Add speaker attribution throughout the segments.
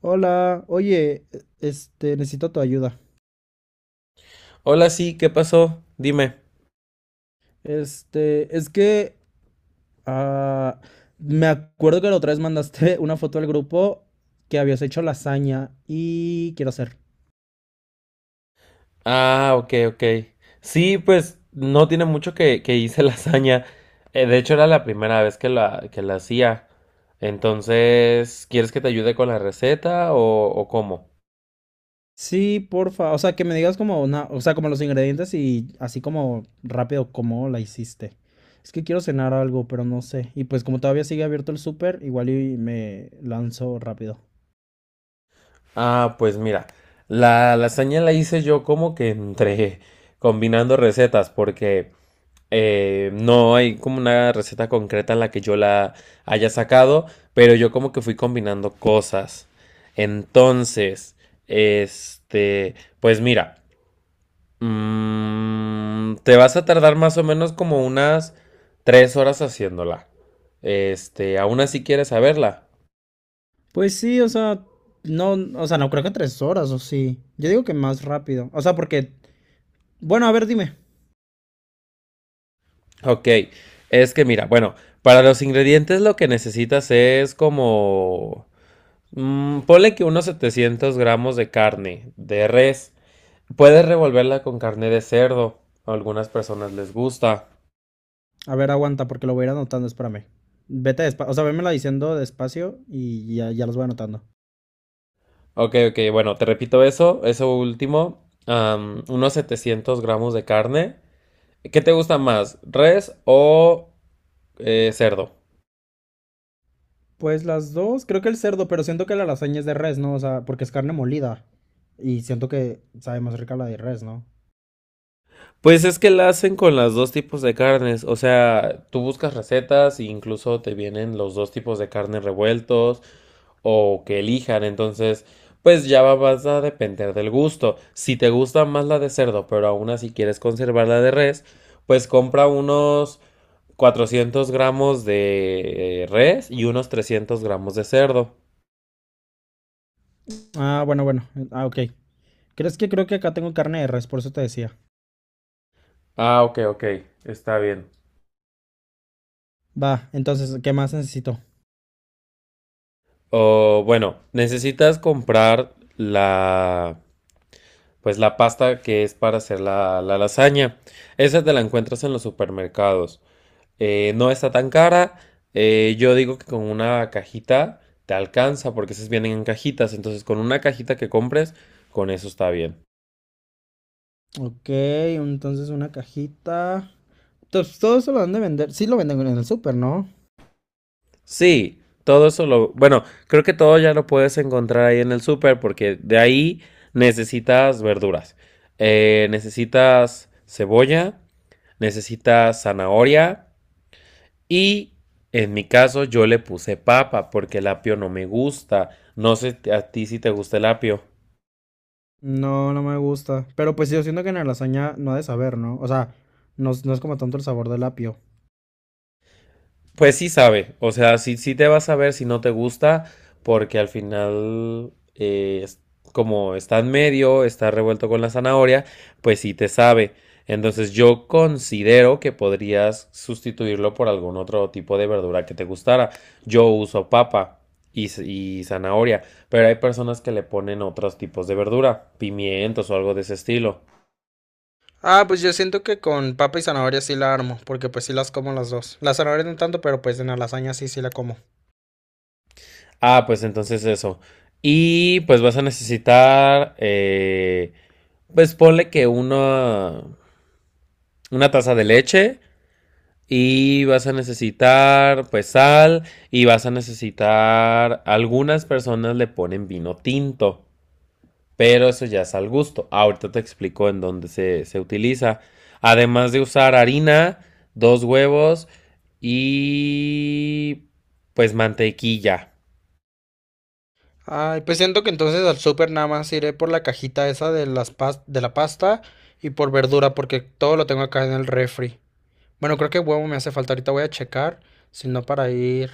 Speaker 1: Hola, oye, necesito tu ayuda.
Speaker 2: Hola, sí, ¿qué pasó? Dime.
Speaker 1: Este, es que ah, me acuerdo que la otra vez mandaste una foto al grupo que habías hecho lasaña y quiero hacer.
Speaker 2: Ah, ok, ok. Sí, pues no tiene mucho que hice lasaña. De hecho, era la primera vez que la hacía. Entonces, ¿quieres que te ayude con la receta o cómo?
Speaker 1: Sí, porfa, o sea, que me digas como una, o sea, como los ingredientes y así como rápido cómo la hiciste. Es que quiero cenar algo, pero no sé. Y pues como todavía sigue abierto el súper, igual y me lanzo rápido.
Speaker 2: Ah, pues mira, la lasaña la hice yo como que entre combinando recetas, porque no hay como una receta concreta en la que yo la haya sacado, pero yo como que fui combinando cosas. Entonces, este, pues mira, te vas a tardar más o menos como unas 3 horas haciéndola. Aún así quieres saberla.
Speaker 1: Pues sí, o sea, no creo que 3 horas, o sí. Yo digo que más rápido. O sea, porque, bueno, a ver, dime.
Speaker 2: Ok, es que mira, bueno, para los ingredientes lo que necesitas es como ponle que unos 700 gramos de carne de res. Puedes revolverla con carne de cerdo. A algunas personas les gusta.
Speaker 1: A ver, aguanta, porque lo voy a ir anotando, espérame. Vete despacio, o sea, vémela diciendo despacio y ya, ya los voy anotando.
Speaker 2: Ok, ok, bueno, te repito eso último. Unos 700 gramos de carne. ¿Qué te gusta más, res o cerdo?
Speaker 1: Pues las dos, creo que el cerdo, pero siento que la lasaña es de res, ¿no? O sea, porque es carne molida. Y siento que sabe más rica la de res, ¿no?
Speaker 2: Pues es que la hacen con los dos tipos de carnes, o sea, tú buscas recetas e incluso te vienen los dos tipos de carne revueltos o que elijan, entonces pues ya vas a depender del gusto. Si te gusta más la de cerdo, pero aún así quieres conservar la de res, pues compra unos 400 gramos de res y unos 300 gramos de cerdo.
Speaker 1: Ah, bueno, bueno. Ah, ok. ¿Crees que creo que acá tengo carne de res? Por eso te decía.
Speaker 2: Ah, ok, ok, está bien.
Speaker 1: Va, entonces, ¿qué más necesito?
Speaker 2: O bueno, necesitas comprar la, pues la pasta que es para hacer la lasaña. Esa te la encuentras en los supermercados. No está tan cara. Yo digo que con una cajita te alcanza porque esas vienen en cajitas. Entonces con una cajita que compres, con eso está bien.
Speaker 1: Ok, entonces una cajita. Entonces, todo eso lo dan de vender. Sí lo venden en el súper, ¿no?
Speaker 2: Sí, Bueno, creo que todo ya lo puedes encontrar ahí en el super, porque de ahí necesitas verduras. Necesitas cebolla. Necesita zanahoria, y en mi caso yo le puse papa porque el apio no me gusta. No sé a ti si te gusta el apio.
Speaker 1: No, no me gusta. Pero pues yo siento que en la lasaña no ha de saber, ¿no? O sea, no, no es como tanto el sabor del apio.
Speaker 2: Pues sí sabe, o sea, sí, sí te vas a ver si no te gusta, porque al final, como está en medio, está revuelto con la zanahoria, pues sí te sabe. Entonces yo considero que podrías sustituirlo por algún otro tipo de verdura que te gustara. Yo uso papa y, y zanahoria, pero hay personas que le ponen otros tipos de verdura, pimientos o algo de ese estilo.
Speaker 1: Ah, pues yo siento que con papa y zanahoria sí la armo, porque pues sí las como las dos. Las zanahorias no tanto, pero pues en la lasaña sí, sí la como.
Speaker 2: Ah, pues entonces eso. Y pues vas a necesitar, pues ponle que una taza de leche, y vas a necesitar pues sal, y vas a necesitar, algunas personas le ponen vino tinto, pero eso ya es al gusto. Ahorita te explico en dónde se utiliza. Además de usar harina, dos huevos y pues mantequilla.
Speaker 1: Ay, pues siento que entonces al súper nada más iré por la cajita esa de de la pasta y por verdura, porque todo lo tengo acá en el refri. Bueno, creo que huevo me hace falta. Ahorita voy a checar. Si no, para ir.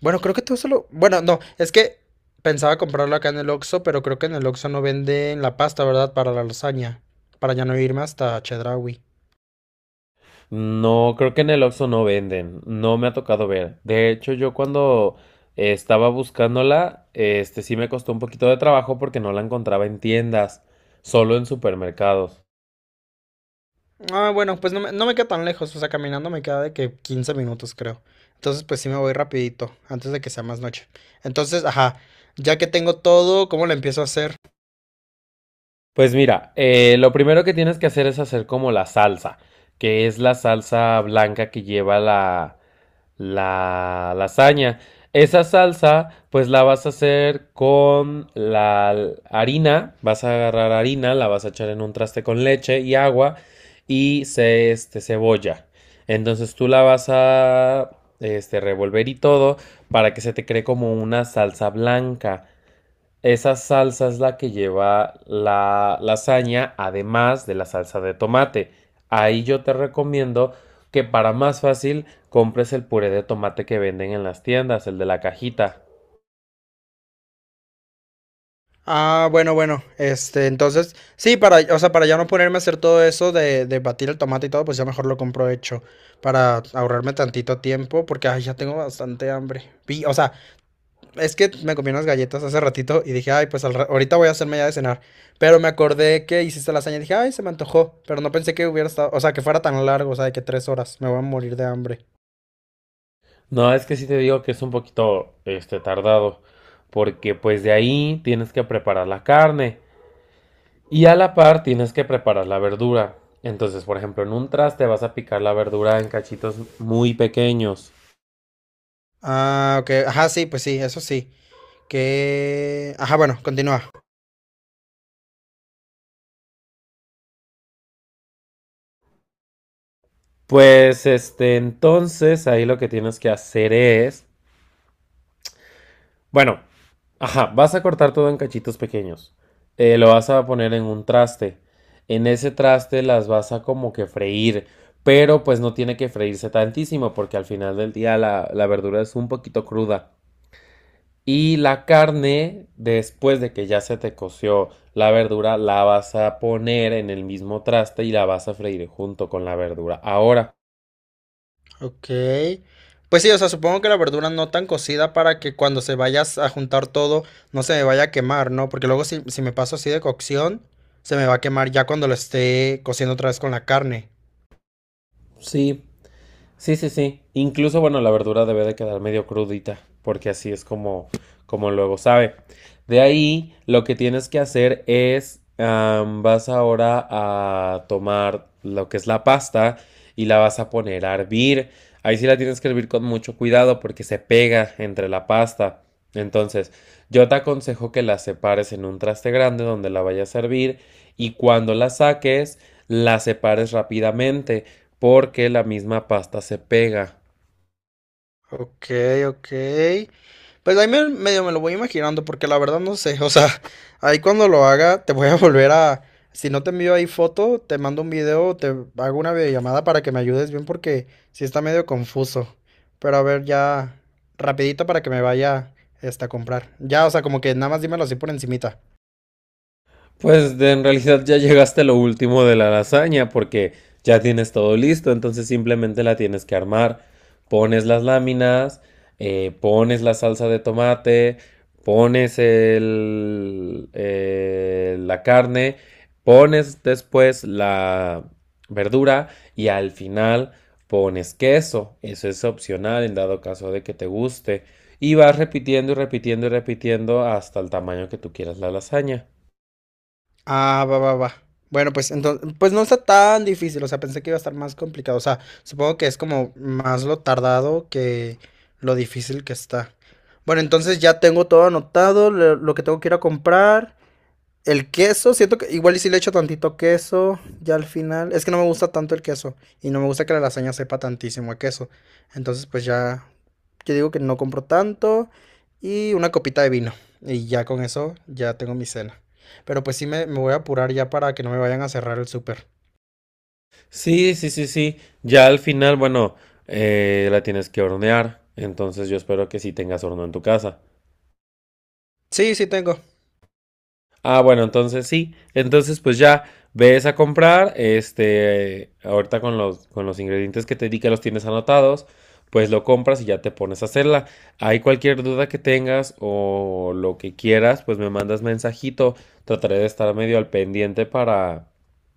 Speaker 1: Bueno, creo que todo solo. Bueno, no. Es que pensaba comprarlo acá en el Oxxo, pero creo que en el Oxxo no venden la pasta, ¿verdad? Para la lasaña. Para ya no irme hasta Chedraui.
Speaker 2: No, creo que en el Oxxo no venden, no me ha tocado ver. De hecho, yo cuando estaba buscándola, sí me costó un poquito de trabajo porque no la encontraba en tiendas, solo en supermercados.
Speaker 1: Ah, bueno, pues no me queda tan lejos. O sea, caminando me queda de que 15 minutos, creo. Entonces, pues sí me voy rapidito. Antes de que sea más noche. Entonces, ajá. Ya que tengo todo, ¿cómo lo empiezo a hacer?
Speaker 2: Pues mira, lo primero que tienes que hacer es hacer como la salsa, que es la salsa blanca que lleva la lasaña. Esa salsa, pues la vas a hacer con la harina, vas a agarrar harina, la vas a echar en un traste con leche y agua y cebolla. Entonces tú la vas a revolver y todo para que se te cree como una salsa blanca. Esa salsa es la que lleva la lasaña, además de la salsa de tomate. Ahí yo te recomiendo que para más fácil compres el puré de tomate que venden en las tiendas, el de la cajita.
Speaker 1: Ah, bueno, bueno. Este, entonces, sí, para, o sea, para ya no ponerme a hacer todo eso de batir el tomate y todo, pues ya mejor lo compro hecho para ahorrarme tantito tiempo, porque ay, ya tengo bastante hambre. O sea, es que me comí unas galletas hace ratito y dije, ay, pues ahorita voy a hacerme ya de cenar, pero me acordé que hiciste lasaña y dije, ay, se me antojó, pero no pensé que hubiera estado, o sea, que fuera tan largo, o sea, de que 3 horas, me voy a morir de hambre.
Speaker 2: No, es que sí te digo que es un poquito tardado, porque pues de ahí tienes que preparar la carne y a la par tienes que preparar la verdura. Entonces, por ejemplo, en un traste vas a picar la verdura en cachitos muy pequeños.
Speaker 1: Ah, ok, ajá, sí, pues sí, eso sí. Que, ajá, bueno, continúa.
Speaker 2: Pues entonces ahí lo que tienes que hacer es, bueno, ajá, vas a cortar todo en cachitos pequeños. Lo vas a poner en un traste. En ese traste las vas a como que freír, pero pues no tiene que freírse tantísimo porque al final del día la verdura es un poquito cruda. Y la carne, después de que ya se te coció la verdura, la vas a poner en el mismo traste y la vas a freír junto con la verdura. Ahora,
Speaker 1: Ok. Pues sí, o sea, supongo que la verdura no tan cocida para que cuando se vaya a juntar todo no se me vaya a quemar, ¿no? Porque luego si me paso así de cocción, se me va a quemar ya cuando lo esté cociendo otra vez con la carne.
Speaker 2: sí, sí, sí, sí. Incluso, bueno, la verdura debe de quedar medio crudita, porque así es como luego sabe. De ahí, lo que tienes que hacer es, vas ahora a tomar lo que es la pasta y la vas a poner a hervir. Ahí sí la tienes que hervir con mucho cuidado porque se pega entre la pasta. Entonces, yo te aconsejo que la separes en un traste grande donde la vayas a hervir, y cuando la saques, la separes rápidamente porque la misma pasta se pega.
Speaker 1: Ok, ok. Pues ahí medio me lo voy imaginando, porque la verdad no sé. O sea, ahí cuando lo haga, te voy a volver a. Si no te envío ahí foto, te mando un video, te hago una videollamada para que me ayudes bien, porque sí está medio confuso. Pero a ver, ya, rapidito para que me vaya este, a comprar. Ya, o sea, como que nada más dímelo así por encimita.
Speaker 2: Pues en realidad ya llegaste a lo último de la lasaña porque ya tienes todo listo, entonces simplemente la tienes que armar. Pones las láminas, pones la salsa de tomate, pones la carne, pones después la verdura y al final pones queso. Eso es opcional en dado caso de que te guste. Y vas repitiendo y repitiendo y repitiendo hasta el tamaño que tú quieras la lasaña.
Speaker 1: Ah, va, va, va. Bueno, pues entonces, pues no está tan difícil, o sea, pensé que iba a estar más complicado, o sea, supongo que es como más lo tardado que lo difícil que está. Bueno, entonces ya tengo todo anotado, lo que tengo que ir a comprar, el queso, siento que igual y si le echo tantito queso, ya al final, es que no me gusta tanto el queso y no me gusta que la lasaña sepa tantísimo a queso. Entonces, pues ya, yo digo que no compro tanto y una copita de vino y ya con eso ya tengo mi cena. Pero pues sí me voy a apurar ya para que no me vayan a cerrar el súper.
Speaker 2: Sí, sí, sí, sí. Ya al final, bueno, la tienes que hornear. Entonces yo espero que sí tengas horno en tu casa.
Speaker 1: Sí, sí tengo.
Speaker 2: Ah, bueno, entonces sí. Entonces pues ya ves a comprar. Ahorita con con los ingredientes que te di que los tienes anotados, pues lo compras y ya te pones a hacerla. Hay cualquier duda que tengas o lo que quieras, pues me mandas mensajito. Trataré de estar medio al pendiente para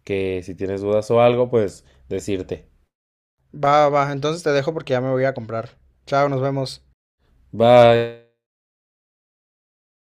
Speaker 2: que si tienes dudas o algo, pues decirte.
Speaker 1: Va, va, entonces te dejo porque ya me voy a comprar. Chao, nos vemos.
Speaker 2: Bye.